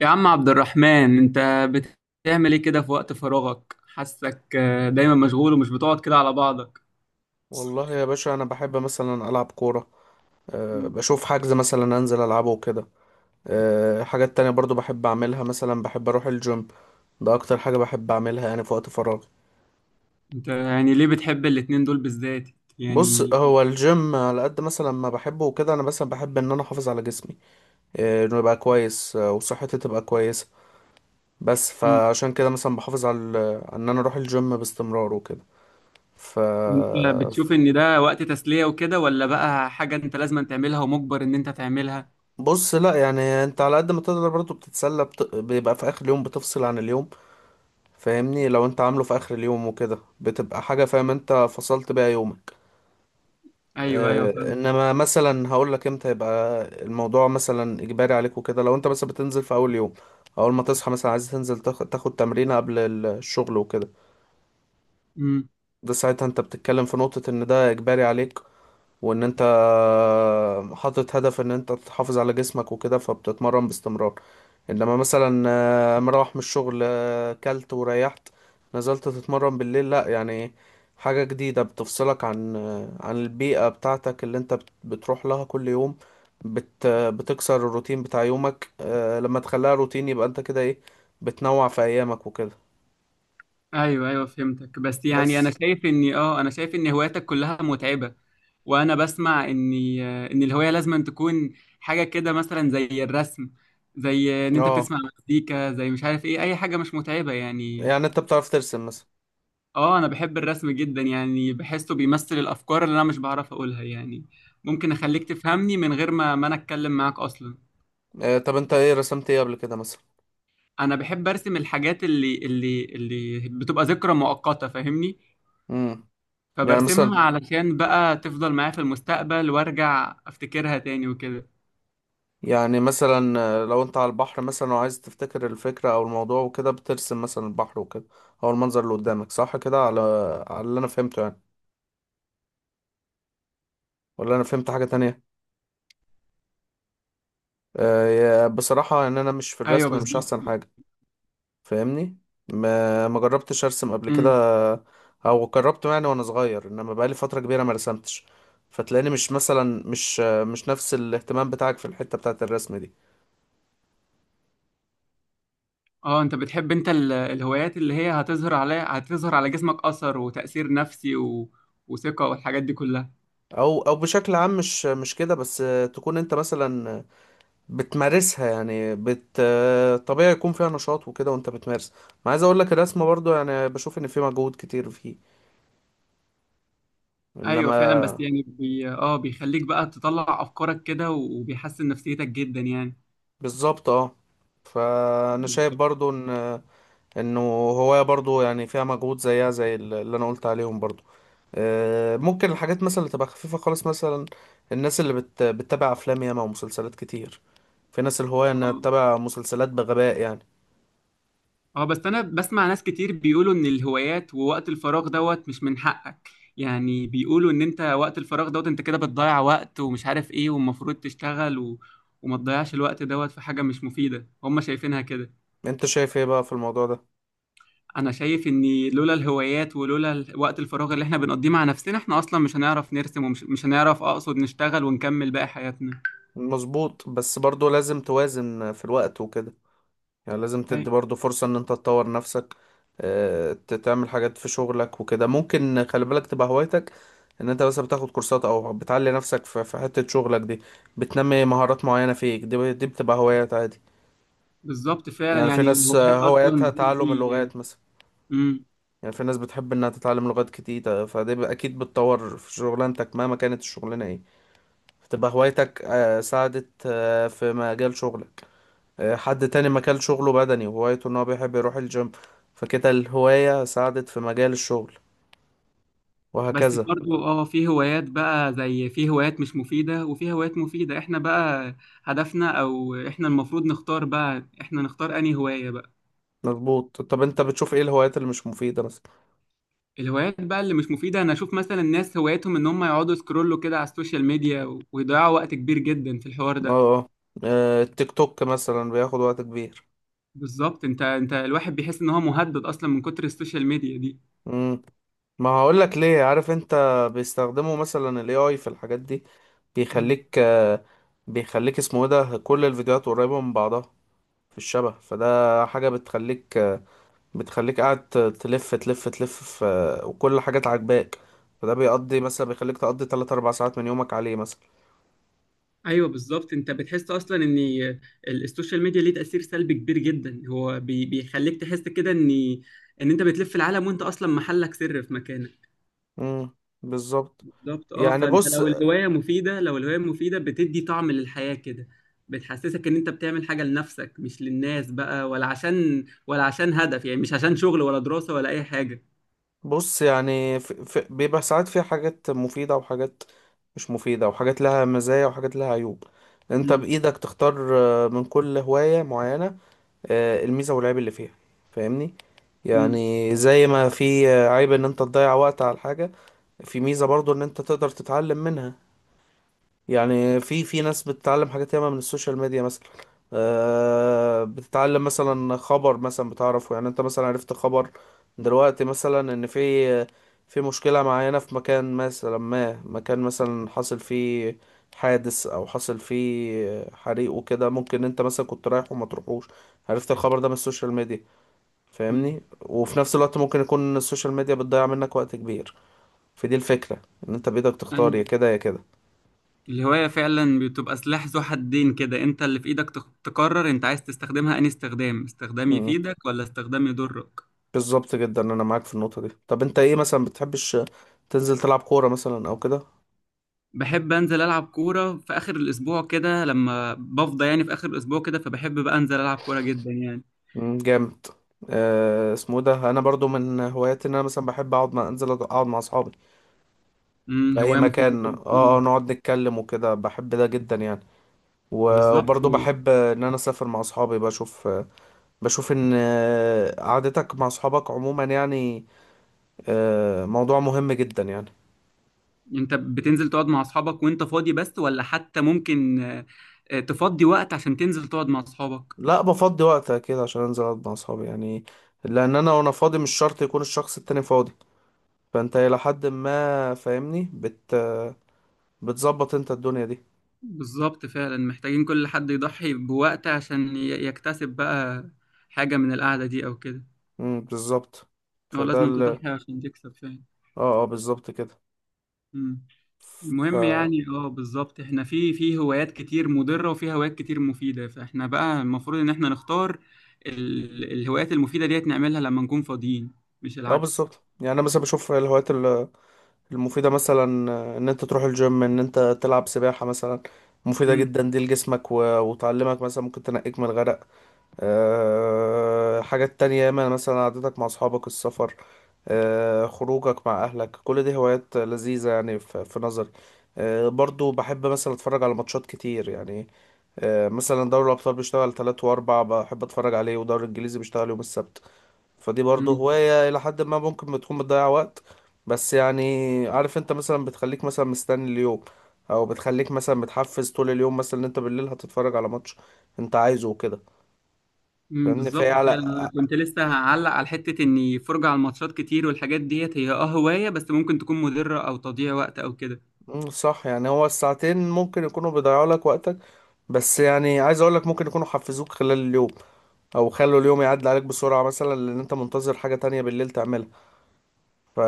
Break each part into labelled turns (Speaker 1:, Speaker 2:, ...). Speaker 1: يا عم عبد الرحمن، انت بتعمل ايه كده في وقت فراغك؟ حاسك دايما مشغول ومش بتقعد كده على بعضك.
Speaker 2: والله يا باشا انا بحب مثلا العب كوره.
Speaker 1: م.
Speaker 2: بشوف حجز مثلا انزل العبه وكده. حاجات تانية برضو بحب اعملها مثلا، بحب اروح الجيم. ده اكتر حاجه بحب اعملها يعني في وقت فراغي.
Speaker 1: انت يعني ليه بتحب الاتنين دول بالذات
Speaker 2: بص،
Speaker 1: يعني؟
Speaker 2: هو الجيم على قد مثلا ما بحبه وكده، انا مثلا بحب ان انا احافظ على جسمي، انه يبقى كويس، وصحتي تبقى كويسه. بس
Speaker 1: م.
Speaker 2: فعشان كده مثلا بحافظ على ان انا اروح الجيم باستمرار وكده. ف
Speaker 1: انت بتشوف ان ده وقت تسلية وكده، ولا بقى حاجة انت لازم تعملها ومجبر ان انت تعملها؟
Speaker 2: بص، لا يعني، انت على قد ما تقدر برضو بتتسلى، بيبقى في اخر اليوم بتفصل عن اليوم. فاهمني، لو انت عامله في اخر اليوم وكده بتبقى حاجة، فاهم انت فصلت بيها يومك.
Speaker 1: ايوه ايوه،
Speaker 2: اه
Speaker 1: فاهم.
Speaker 2: انما مثلا هقول لك امتى يبقى الموضوع مثلا اجباري عليك وكده. لو انت مثلا بتنزل في اول يوم، اول ما تصحى مثلا عايز تنزل تاخد تمرينة قبل الشغل وكده، ده ساعتها انت بتتكلم في نقطة ان ده اجباري عليك، وان انت حاطط هدف ان انت تحافظ على جسمك وكده فبتتمرن باستمرار. انما مثلا، مروح من الشغل، كلت وريحت، نزلت تتمرن بالليل، لا يعني حاجة جديدة بتفصلك عن عن البيئة بتاعتك اللي انت بتروح لها كل يوم، بتكسر الروتين بتاع يومك. لما تخليها روتين يبقى انت كده ايه، بتنوع في ايامك وكده.
Speaker 1: ايوه ايوه، فهمتك. بس يعني انا
Speaker 2: بس،
Speaker 1: شايف اني اه انا شايف ان هواياتك كلها متعبه. وانا بسمع ان الهوايه لازم تكون حاجه كده مثلا زي الرسم، زي ان انت
Speaker 2: اه
Speaker 1: تسمع مزيكا، زي مش عارف ايه، اي حاجه مش متعبه يعني.
Speaker 2: يعني انت بتعرف ترسم مثلا؟
Speaker 1: اه انا بحب الرسم جدا، يعني بحسه بيمثل الافكار اللي انا مش بعرف اقولها يعني. ممكن اخليك تفهمني من غير ما انا اتكلم معاك اصلا.
Speaker 2: طب انت ايه رسمت ايه قبل كده؟
Speaker 1: انا بحب ارسم الحاجات اللي بتبقى ذكرى مؤقته، فاهمني؟
Speaker 2: مثلا، يعني مثلا،
Speaker 1: فبرسمها علشان بقى تفضل معايا في المستقبل وارجع افتكرها تاني وكده.
Speaker 2: يعني مثلا لو انت على البحر مثلا وعايز تفتكر الفكرة او الموضوع وكده، بترسم مثلا البحر وكده، او المنظر اللي قدامك، صح كده؟ على اللي انا فهمته يعني، ولا انا فهمت حاجة تانية؟ بصراحة ان انا مش في
Speaker 1: ايوه
Speaker 2: الرسم، مش احسن
Speaker 1: بالظبط.
Speaker 2: حاجة، فاهمني. ما جربتش ارسم قبل كده،
Speaker 1: امم.
Speaker 2: او جربت يعني وانا صغير انما بقالي فترة كبيرة ما رسمتش، فتلاقيني مش مثلا مش نفس الاهتمام بتاعك في الحتة بتاعت الرسم دي.
Speaker 1: اه انت بتحب انت الهوايات اللي هي هتظهر عليها، هتظهر على جسمك اثر وتأثير نفسي و، وثقة والحاجات دي كلها.
Speaker 2: او بشكل عام مش كده بس، تكون انت مثلا بتمارسها يعني طبيعي يكون فيها نشاط وكده وانت بتمارس. ما عايز اقول لك، الرسم برضو يعني بشوف ان في مجهود كتير فيه،
Speaker 1: ايوه فعلا، بس
Speaker 2: انما
Speaker 1: يعني بي... اه بيخليك بقى تطلع افكارك كده، وبيحسن نفسيتك جدا يعني.
Speaker 2: بالظبط اه. فانا شايف
Speaker 1: بالظبط،
Speaker 2: برضو ان انه هواية برضو يعني فيها مجهود زيها زي اللي انا قلت عليهم برضو. ممكن الحاجات مثلا اللي تبقى خفيفة خالص، مثلا الناس اللي بتتابع افلام ياما ومسلسلات كتير، في ناس الهواية انها تتابع مسلسلات بغباء يعني.
Speaker 1: اه. بس انا بسمع ناس كتير بيقولوا ان الهوايات ووقت الفراغ دوت مش من حقك. يعني بيقولوا ان انت وقت الفراغ دوت انت كده بتضيع وقت ومش عارف ايه، والمفروض تشتغل، و... وما تضيعش الوقت دوت في حاجة مش مفيدة، هم شايفينها كده.
Speaker 2: انت شايف ايه بقى في الموضوع ده؟
Speaker 1: انا شايف ان لولا الهوايات ولولا وقت الفراغ اللي احنا بنقضيه مع نفسنا، احنا اصلا مش هنعرف نرسم، ومش مش هنعرف، اقصد نشتغل ونكمل باقي حياتنا.
Speaker 2: مظبوط، بس برضو لازم توازن في الوقت وكده. يعني لازم
Speaker 1: أي،
Speaker 2: تدي برضو فرصة ان انت تطور نفسك، تعمل حاجات في شغلك وكده. ممكن خلي بالك تبقى هوايتك ان انت بس بتاخد كورسات، او بتعلي نفسك في حتة شغلك دي، بتنمي مهارات معينة فيك، دي، دي بتبقى هوايات عادي.
Speaker 1: بالظبط فعلا،
Speaker 2: يعني في
Speaker 1: يعني
Speaker 2: ناس
Speaker 1: الهوايات اصلا
Speaker 2: هواياتها تعلم
Speaker 1: بتدي.
Speaker 2: اللغات مثلا.
Speaker 1: مم.
Speaker 2: يعني في ناس بتحب انها تتعلم لغات كتير، فدي اكيد بتطور في شغلانتك مهما كانت الشغلانة ايه، فتبقى هوايتك ساعدت في مجال شغلك. حد تاني مكان شغله بدني وهوايته ان هو بيحب يروح الجيم، فكده الهواية ساعدت في مجال الشغل،
Speaker 1: بس
Speaker 2: وهكذا.
Speaker 1: برضو في هوايات بقى، زي في هوايات مش مفيدة وفي هوايات مفيدة، احنا بقى هدفنا، او احنا المفروض نختار بقى، احنا نختار انهي هواية بقى.
Speaker 2: مظبوط. طب انت بتشوف ايه الهوايات اللي مش مفيدة مثلا؟
Speaker 1: الهوايات بقى اللي مش مفيدة انا اشوف مثلا الناس هوايتهم ان هم يقعدوا سكرولوا كده على السوشيال ميديا ويضيعوا وقت كبير جدا في الحوار
Speaker 2: اه.
Speaker 1: ده.
Speaker 2: آه. التيك توك مثلا بياخد وقت كبير.
Speaker 1: بالظبط. انت الواحد بيحس ان هو مهدد اصلا من كتر السوشيال ميديا دي.
Speaker 2: مم. ما هقول لك ليه، عارف انت، بيستخدموا مثلا الاي اي في الحاجات دي. بيخليك آه، بيخليك اسمه ايه ده، كل الفيديوهات قريبة من بعضها، في الشبه، فده حاجة بتخليك قاعد تلف تلف تلف في، وكل حاجة عاجباك، فده بيقضي مثلا، بيخليك تقضي 3 4 ساعات من يومك عليه مثلا.
Speaker 1: ايوه بالظبط. انت بتحس اصلا ان السوشيال ميديا ليه تاثير سلبي كبير جدا. هو بيخليك تحس كده ان انت بتلف العالم وانت اصلا محلك سر في مكانك.
Speaker 2: امم، بالظبط
Speaker 1: بالظبط اه.
Speaker 2: يعني.
Speaker 1: فانت
Speaker 2: بص
Speaker 1: لو الهوايه مفيده، بتدي طعم للحياه كده. بتحسسك ان انت بتعمل حاجه لنفسك مش للناس بقى، ولا عشان، ولا عشان هدف يعني، مش عشان شغل ولا دراسه ولا اي حاجه.
Speaker 2: بص يعني في بيبقى ساعات فيها حاجات مفيدة وحاجات مش مفيدة، وحاجات لها مزايا وحاجات لها عيوب. انت بإيدك تختار من كل هواية معينة، الميزة والعيب اللي فيها، فاهمني.
Speaker 1: امم.
Speaker 2: يعني زي ما في عيب ان انت تضيع وقت على الحاجة، في ميزة برضو ان انت تقدر تتعلم منها. يعني في ناس بتتعلم حاجات ياما من السوشيال ميديا مثلا. بتتعلم مثلا خبر مثلا، بتعرفه يعني. انت مثلا عرفت خبر دلوقتي مثلا ان في مشكلة معينة في مكان مثلا، ما مكان مثلا حصل فيه حادث، او حصل فيه حريق وكده، ممكن انت مثلا كنت رايح وما تروحوش، عرفت الخبر ده من السوشيال ميديا. فاهمني، وفي نفس الوقت ممكن يكون السوشيال ميديا بتضيع منك وقت كبير. فدي الفكرة، ان انت بإيدك تختار، يا
Speaker 1: امم.
Speaker 2: كده يا كده.
Speaker 1: الهواية فعلا بتبقى سلاح ذو حدين كده، انت اللي في ايدك تقرر انت عايز تستخدمها انهي استخدام، استخدام يفيدك ولا استخدام يضرك.
Speaker 2: بالظبط جدا، انا معاك في النقطه دي. طب انت ايه، مثلا بتحبش تنزل تلعب كوره مثلا او كده؟
Speaker 1: بحب انزل العب كورة في اخر الاسبوع كده لما بفضى، يعني في اخر الاسبوع كده فبحب بقى انزل العب كورة جدا يعني.
Speaker 2: مم، جامد. اسمه إيه ده، انا برضو من هواياتي ان انا مثلا بحب اقعد مع انزل اقعد مع اصحابي
Speaker 1: امم،
Speaker 2: في اي
Speaker 1: هواية مفيدة
Speaker 2: مكان،
Speaker 1: جدا، اه.
Speaker 2: نقعد نتكلم وكده، بحب ده جدا يعني.
Speaker 1: بالظبط
Speaker 2: وبرضو
Speaker 1: و،
Speaker 2: بحب ان انا اسافر مع اصحابي، بشوف ان قعدتك مع اصحابك عموما يعني موضوع مهم جدا يعني.
Speaker 1: انت بتنزل تقعد مع اصحابك وانت فاضي بس، ولا حتى ممكن تفضي وقت عشان تنزل تقعد مع اصحابك؟
Speaker 2: لا، بفضي وقت كده عشان انزل اقعد مع اصحابي يعني، لان انا وانا فاضي مش شرط يكون الشخص التاني فاضي، فانت الى حد ما فاهمني، بتظبط انت الدنيا دي.
Speaker 1: بالظبط فعلا، محتاجين كل حد يضحي بوقت عشان يكتسب بقى حاجة من القعدة دي أو كده.
Speaker 2: امم، بالظبط.
Speaker 1: هو
Speaker 2: فده
Speaker 1: لازم
Speaker 2: ال اه
Speaker 1: تضحي عشان تكسب فعلا.
Speaker 2: اه، بالظبط كده.
Speaker 1: مم.
Speaker 2: ف
Speaker 1: المهم يعني، بالظبط احنا في هوايات كتير مضرة وفي هوايات كتير مفيدة، فاحنا بقى المفروض ان احنا نختار الهوايات المفيدة ديت نعملها لما نكون فاضيين، مش
Speaker 2: اه،
Speaker 1: العكس.
Speaker 2: بالظبط يعني، انا مثلا بشوف الهوايات المفيده مثلا، ان انت تروح الجيم، ان انت تلعب سباحه مثلا، مفيده
Speaker 1: مم.
Speaker 2: جدا دي لجسمك، وتعلمك مثلا ممكن تنقيك من الغرق. حاجات تانية ياما، مثلا قعدتك مع اصحابك، السفر، خروجك مع اهلك، كل دي هوايات لذيذة يعني في نظري. برضو بحب مثلا اتفرج على ماتشات كتير يعني. مثلا دوري الابطال بيشتغل تلات واربع، بحب اتفرج عليه، ودوري الانجليزي بيشتغل يوم السبت. فدي برضو
Speaker 1: مم.
Speaker 2: هواية الى حد ما ممكن بتكون بتضيع وقت، بس يعني عارف انت، مثلا بتخليك مثلا مستني اليوم، او بتخليك مثلا متحفز طول اليوم مثلا، ان انت بالليل هتتفرج على ماتش انت عايزه وكده،
Speaker 1: مم.
Speaker 2: فاهمني. فهي
Speaker 1: بالظبط
Speaker 2: على،
Speaker 1: فعلا، انا كنت لسه هعلق على حتة اني فرجة على الماتشات كتير والحاجات ديت هي هواية، بس ممكن تكون مضرة او تضييع وقت او كده.
Speaker 2: مم، صح يعني. هو الساعتين ممكن يكونوا بيضيعوا لك وقتك، بس يعني عايز اقول لك ممكن يكونوا حفزوك خلال اليوم، او خلوا اليوم يعدي عليك بسرعة مثلا لان انت منتظر حاجة تانية بالليل تعملها. ف...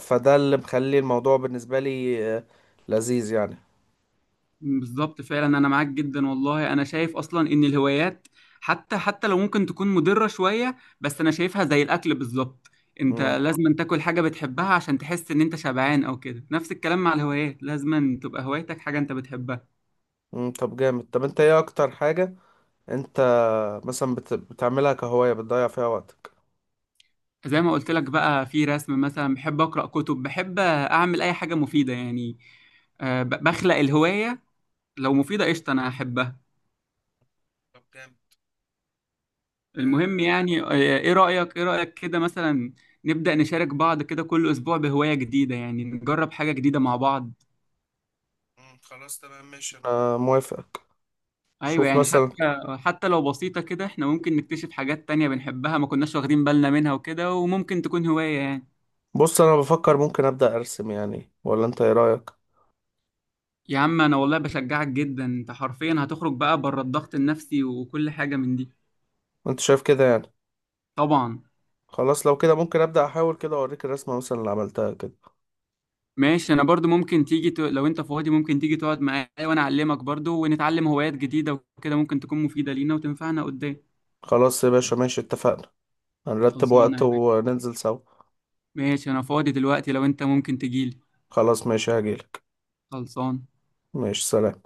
Speaker 2: فده اللي مخلي الموضوع بالنسبة لي لذيذ يعني.
Speaker 1: بالظبط فعلا، انا معاك جدا. والله انا شايف اصلا ان الهوايات، حتى لو ممكن تكون مضرة شوية، بس انا شايفها زي الاكل بالظبط. انت
Speaker 2: مم.
Speaker 1: لازم تاكل حاجة بتحبها عشان تحس ان انت شبعان او كده، نفس الكلام مع الهوايات، لازم تبقى هوايتك حاجة انت بتحبها.
Speaker 2: مم. طب جامد. انت ايه اكتر حاجة انت مثلا بتعملها كهواية بتضيع فيها وقتك؟
Speaker 1: زي ما قلت لك بقى، في رسم مثلا، بحب اقرأ كتب، بحب اعمل اي حاجة مفيدة يعني. بخلق الهواية، لو مفيدة قشطة انا احبها.
Speaker 2: طب جامد.
Speaker 1: المهم
Speaker 2: آه،
Speaker 1: يعني، ايه رأيك، كده مثلا نبدأ نشارك بعض كده كل اسبوع بهواية جديدة؟ يعني نجرب حاجة جديدة مع بعض.
Speaker 2: مم، خلاص تمام، ماشي، انا موافقك.
Speaker 1: ايوه
Speaker 2: شوف
Speaker 1: يعني،
Speaker 2: مثلا،
Speaker 1: حتى لو بسيطة كده احنا ممكن نكتشف حاجات تانية بنحبها ما كناش واخدين بالنا منها وكده، وممكن تكون هواية يعني.
Speaker 2: بص، انا بفكر ممكن ابدا ارسم يعني، ولا انت ايه رايك؟
Speaker 1: يا عم انا والله بشجعك جدا، انت حرفيا هتخرج بقى بره الضغط النفسي وكل حاجة من دي.
Speaker 2: انت شايف كده يعني؟
Speaker 1: طبعا.
Speaker 2: خلاص، لو كده ممكن ابدا احاول كده، اوريك الرسمه مثلا اللي عملتها كده.
Speaker 1: ماشي، انا برضو ممكن تيجي لو انت فاضي ممكن تيجي تقعد معايا وانا اعلمك برضو، ونتعلم هوايات جديدة وكده ممكن تكون مفيدة لينا وتنفعنا قدام.
Speaker 2: خلاص يا باشا، ماشي، اتفقنا، هنرتب
Speaker 1: خلصانة
Speaker 2: وقت
Speaker 1: يا باشا.
Speaker 2: وننزل سوا.
Speaker 1: ماشي، انا فاضي دلوقتي لو انت ممكن تجيلي.
Speaker 2: خلاص ماشي، هجيلك.
Speaker 1: خلصان.
Speaker 2: ماشي، سلام.